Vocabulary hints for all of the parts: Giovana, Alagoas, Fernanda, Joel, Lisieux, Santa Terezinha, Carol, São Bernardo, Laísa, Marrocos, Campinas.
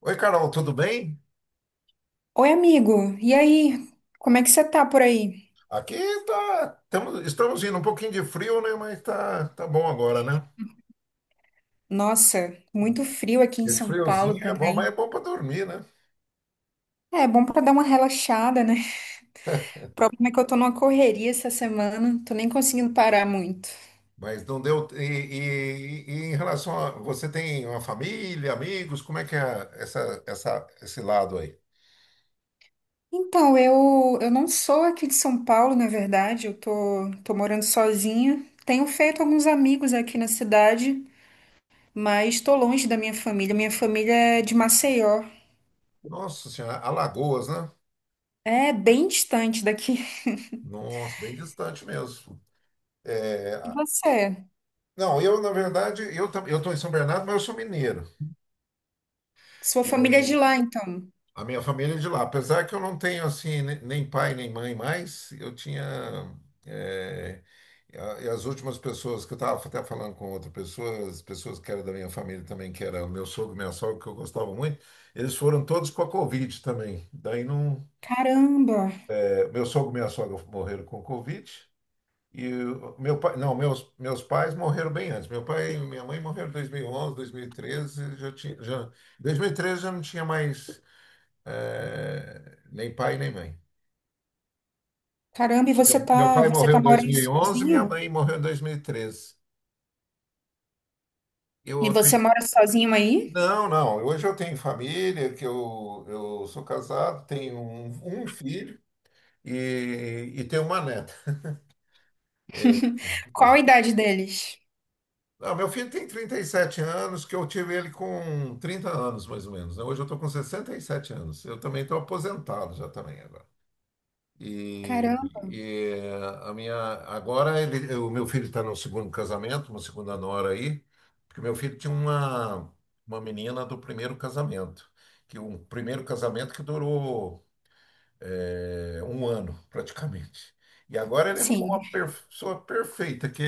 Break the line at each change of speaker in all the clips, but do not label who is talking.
Oi, Carol, tudo bem?
Oi, amigo. E aí? Como é que você tá por aí?
Aqui tá, estamos indo um pouquinho de frio, né? Mas tá bom agora, né?
Nossa, muito frio aqui em
Esse
São Paulo
friozinho é bom, mas é
também.
bom para dormir, né?
É bom pra dar uma relaxada, né? O problema é que eu tô numa correria essa semana, tô nem conseguindo parar muito.
Mas não deu. E em relação a você tem uma família, amigos, como é que é esse lado aí?
Então, eu não sou aqui de São Paulo, na verdade, tô morando sozinha. Tenho feito alguns amigos aqui na cidade, mas tô longe da minha família. Minha família é de Maceió.
Nossa Senhora, Alagoas, né?
É bem distante daqui.
Nossa, bem distante mesmo.
E
É,
você?
não, eu na verdade eu estou em São Bernardo, mas eu sou mineiro.
Sua família é de lá, então?
A minha família é de lá. Apesar que eu não tenho assim nem pai nem mãe mais, eu tinha. eh, e as últimas pessoas que eu estava até falando com outra pessoa, as pessoas que eram da minha família também, que era o meu sogro, minha sogra, que eu gostava muito, eles foram todos com a Covid também. Daí não.
Caramba!
Meu sogro e minha sogra morreram com Covid. E o meu pai, não, meus pais morreram bem antes. Meu pai e minha mãe morreram em 2011, 2013, já tinha, já, 2013 já não tinha mais é, nem pai, nem mãe.
Caramba,
Meu pai
você
morreu
tá
em dois
morando
mil e onze minha
sozinho?
mãe morreu em 2013. Eu
E você
acredito.
mora sozinho aí?
Não, não. Hoje eu tenho família, que eu sou casado, tenho um filho e tenho uma neta.
Qual a idade deles?
Não, meu filho tem 37 anos, que eu tive ele com 30 anos, mais ou menos, né? Hoje eu estou com 67 anos. Eu também estou aposentado já também agora. E,
Caramba,
e a minha agora ele, o meu filho está no segundo casamento, uma segunda nora aí, porque meu filho tinha uma menina do primeiro casamento, que um primeiro casamento que durou é, um ano praticamente. E agora ele arrumou uma
sim.
pessoa perfeita, que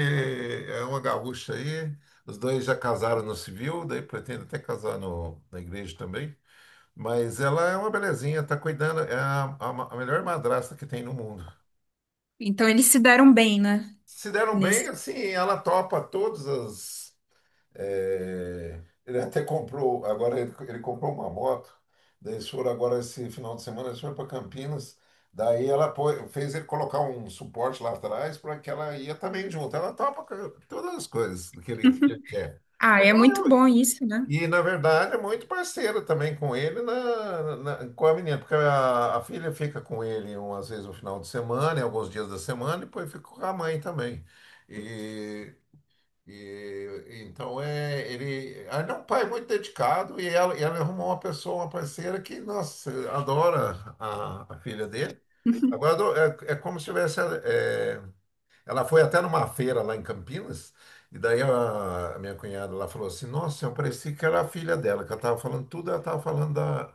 é uma gaúcha aí. Os dois já casaram no civil, daí pretende até casar no, na igreja também. Mas ela é uma belezinha, tá cuidando, é a melhor madrasta que tem no mundo.
Então eles se deram bem, né?
Se deram bem,
Nesse...
assim, ela topa todas as. É, ele até comprou, agora ele comprou uma moto, daí eles foram agora esse final de semana, eles foram para Campinas, daí ela fez ele colocar um suporte lá atrás para que ela ia também junto. Ela topa todas as coisas que ele quer.
Ah, é muito
Então,
bom isso, né?
e, na verdade, é muito parceiro também com ele, com a menina, porque a filha fica com ele umas vezes no final de semana, em alguns dias da semana, e depois fica com a mãe também. E, então, é, ele, ah, ele é um pai muito dedicado e ela arrumou uma pessoa, uma parceira que, nossa, adora a filha dele. Agora, é como se tivesse. Ela foi até numa feira lá em Campinas, e daí a minha cunhada lá falou assim: Nossa, eu parecia que era a filha dela, que ela estava falando tudo, ela estava falando da,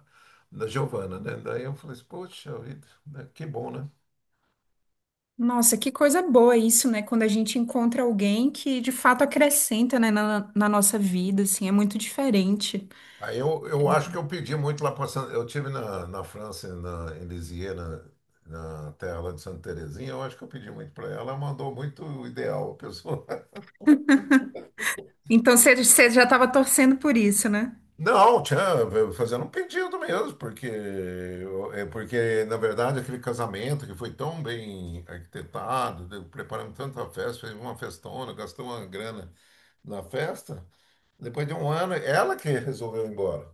da Giovana, né? Daí eu falei assim: Poxa vida, né? Que bom, né?
Nossa, que coisa boa isso, né? Quando a gente encontra alguém que de fato acrescenta, né, na nossa vida, assim, é muito diferente.
Aí eu acho que eu pedi muito lá para Santa. Eu tive na França, em Lisieux, na terra lá de Santa Terezinha, eu acho que eu pedi muito para ela, ela mandou muito o ideal, a pessoa.
Então você já estava torcendo por isso, né?
Não, tinha fazendo um pedido mesmo, porque é porque na verdade aquele casamento que foi tão bem arquitetado, preparamos tanta festa, fez uma festona, gastou uma grana na festa. Depois de um ano, ela que resolveu ir embora.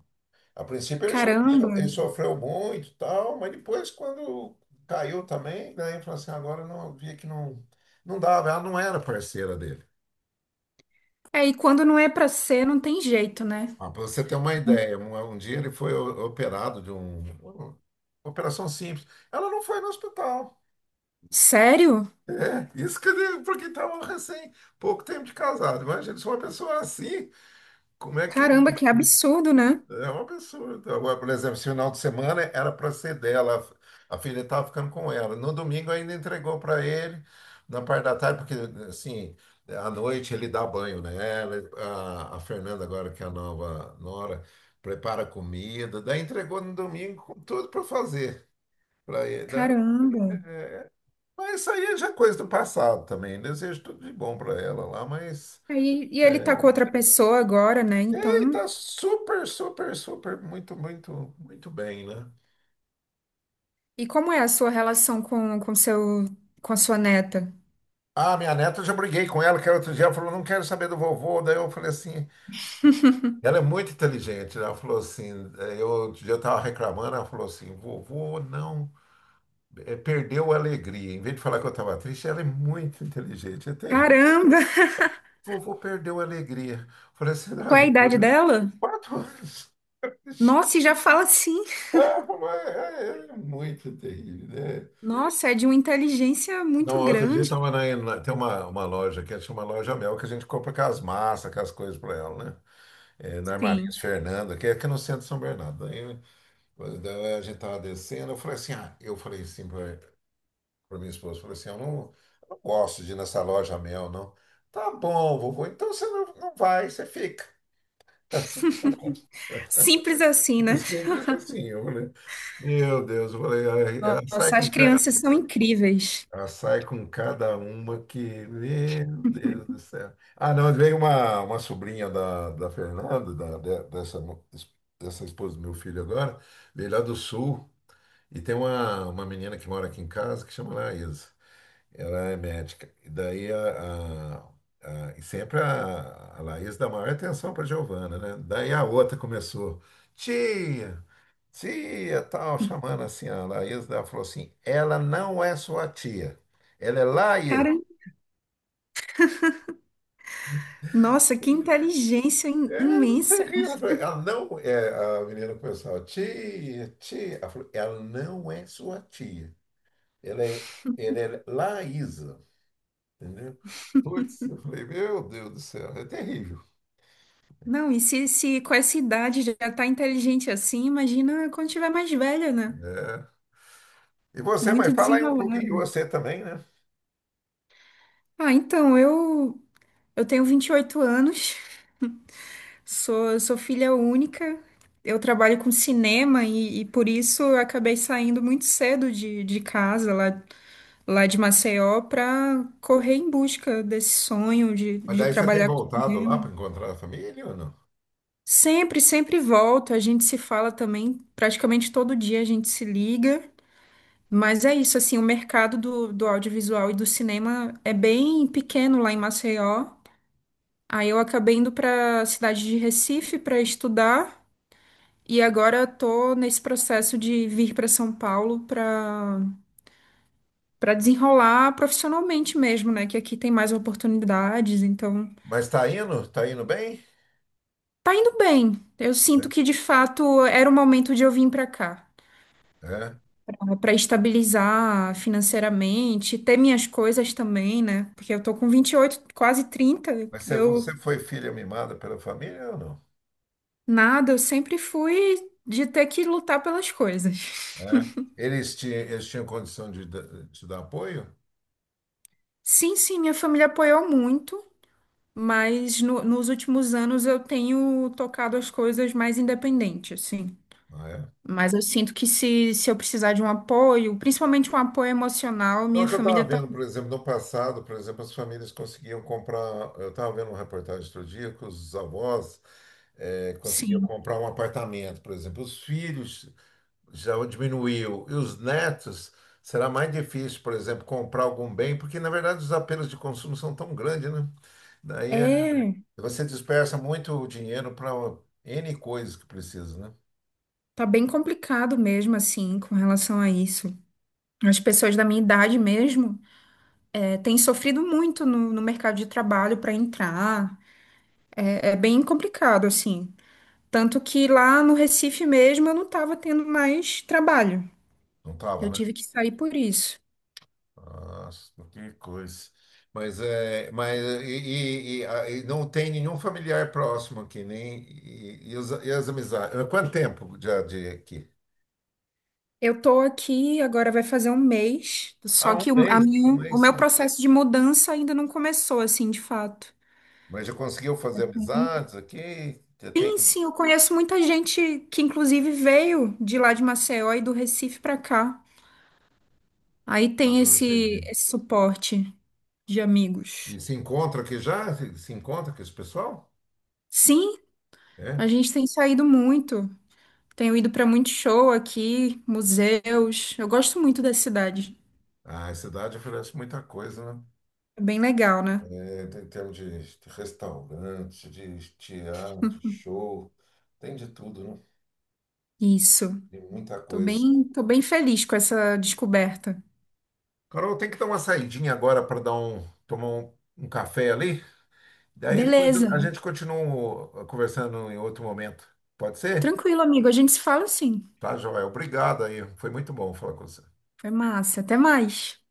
A princípio ele,
Caramba.
ele sofreu muito, e tal, mas depois quando caiu também, daí ele falou assim, agora eu não via que não não dava, ela não era parceira dele.
É, e quando não é pra ser, não tem jeito, né?
Ah, para você ter uma ideia, um dia ele foi operado de uma operação simples. Ela não foi no hospital.
Sério?
É, isso que ele, porque estava recém, pouco tempo de casado. Imagina, se uma pessoa assim, como é que
Caramba, que absurdo, né?
É um absurdo. Agora, por exemplo, esse final de semana era para ser dela, a filha estava ficando com ela. No domingo ainda entregou para ele, na parte da tarde, porque assim, à noite ele dá banho nela, a Fernanda agora, que é a nova nora, prepara comida, daí entregou no domingo com tudo para fazer para ele, né?
Caramba.
Mas isso aí já é coisa do passado também. Desejo tudo de bom para ela lá, mas
Aí, e ele tá
é,
com outra pessoa agora, né?
ele
Então,
tá super, super, super, muito, muito, muito bem, né?
e como é a sua relação com a sua neta?
Ah, minha neta, eu já briguei com ela, que era outro dia, ela falou, não quero saber do vovô. Daí eu falei assim, ela é muito inteligente, né? Ela falou assim, outro dia eu estava reclamando, ela falou assim, vovô não, perdeu a alegria. Em vez de falar que eu estava triste, ela é muito inteligente. Até
Caramba!
vovô perdeu a alegria. Eu falei assim, ah,
Qual é a
meu
idade
Deus,
dela?
4 anos.
Nossa, e já fala assim.
Ah, falou, é, é, é muito terrível, né?
Nossa, é de uma inteligência
Não,
muito
outro dia
grande.
tava tem uma loja que é uma loja Mel que a gente compra aquelas massas, aquelas coisas para ela, né? É, na
Sim.
Armarias Fernando, que é aqui no centro de São Bernardo. Daí, daí a gente estava descendo, eu falei assim, ah, eu falei assim para minha esposa, eu falei assim, eu não gosto de ir nessa loja Mel, não. Tá bom, vovô, então você não, não vai, você fica.
Simples assim, né?
Simples assim, eu falei, meu Deus, eu falei: "Ai, ela sai
Nossa,
com,
as crianças são incríveis.
ela sai com cada uma que, meu Deus do céu." Ah, não, veio uma sobrinha da Fernanda, da, de- dessa, mo- dessa esposa do meu filho agora, veio lá do sul, e tem uma menina que mora aqui em casa que chama Laísa. Ela é médica. E daí e sempre a Laís dá maior atenção para Giovana, né? Daí a outra começou. Tia! Tia, tal, chamando assim, a Laís, ela falou assim, ela não é sua tia, ela é Laís.
Cara, nossa, que inteligência
É, não tem
imensa.
rio, eu falei, ela não é, a menina começou, tia, tia, ela falou, ela não é sua tia, ela é, ela é Laísa, entendeu? Putz, eu falei, meu Deus do céu, é terrível.
Não, e se com essa idade já tá inteligente assim, imagina quando tiver mais velha, né?
É. E você, mas
Muito
fala aí um pouquinho de
desenrolada.
você também, né?
Ah, então, eu tenho 28 anos, sou filha única, eu trabalho com cinema e por isso eu acabei saindo muito cedo de casa, lá de Maceió, para correr em busca desse sonho
Mas
de
daí você tem
trabalhar com
voltado lá para
cinema.
encontrar a família ou não?
Sempre, sempre volto, a gente se fala também, praticamente todo dia a gente se liga, mas é isso, assim, o mercado do audiovisual e do cinema é bem pequeno lá em Maceió. Aí eu acabei indo para a cidade de Recife para estudar e agora estou nesse processo de vir para São Paulo para desenrolar profissionalmente mesmo, né? Que aqui tem mais oportunidades, então
Mas tá indo bem?
tá indo bem. Eu
É.
sinto que de fato era o momento de eu vir para cá.
É.
Para estabilizar financeiramente, ter minhas coisas também, né? Porque eu tô com 28, quase 30.
Mas se você
Eu
foi filha mimada pela família ou não?
nada, eu sempre fui de ter que lutar pelas coisas.
É. Eles tinham condição de te dar apoio?
Sim, sim, minha família apoiou muito, mas nos últimos anos eu tenho tocado as coisas mais independente, assim.
Não é?
Mas eu sinto que se eu precisar de um apoio, principalmente um apoio emocional,
Então,
minha
é que eu estava
família tá,
vendo, por exemplo, no passado, por exemplo, as famílias conseguiam comprar. Eu estava vendo uma reportagem outro dia que os avós conseguiam
sim.
comprar um apartamento, por exemplo. Os filhos já diminuiu. E os netos, será mais difícil, por exemplo, comprar algum bem, porque, na verdade, os apelos de consumo são tão grandes, né? Daí
É,
você dispersa muito dinheiro para N coisas que precisa, né?
tá bem complicado mesmo, assim, com relação a isso. As pessoas da minha idade mesmo, é, têm sofrido muito no, no mercado de trabalho para entrar. É, é bem complicado, assim. Tanto que lá no Recife mesmo eu não estava tendo mais trabalho.
Não tava,
Eu
né?
tive que sair por isso.
Nossa, que coisa. Mas é, mas e, não tem nenhum familiar próximo aqui, nem e as amizades. Há quanto tempo já de aqui?
Eu tô aqui, agora vai fazer um mês, só
Ah,
que
um
o
mês
meu
só.
processo de mudança ainda não começou, assim, de fato.
Mas já conseguiu fazer amizades aqui? Já
Sim,
tem?
sim, eu conheço muita gente que, inclusive, veio de lá de Maceió e do Recife pra cá. Aí
Ah,
tem
entendi.
esse suporte de
E
amigos.
se encontra aqui já? Se encontra com esse pessoal?
Sim, a
É?
gente tem saído muito. Tenho ido pra muito show aqui, museus. Eu gosto muito da cidade.
Ah, a cidade oferece muita coisa, né?
É bem legal, né?
Em termos de restaurante, de teatro, de show, tem de tudo, né?
Isso.
Tem muita coisa.
Tô bem feliz com essa descoberta.
Carol, tem que dar uma saidinha agora para dar um, tomar um, um café ali. Daí depois
Beleza.
a gente continua conversando em outro momento. Pode ser?
Tranquilo, amigo. A gente se fala sim.
Tá, Joel. Obrigado aí. Foi muito bom falar com você.
Foi massa. Até mais.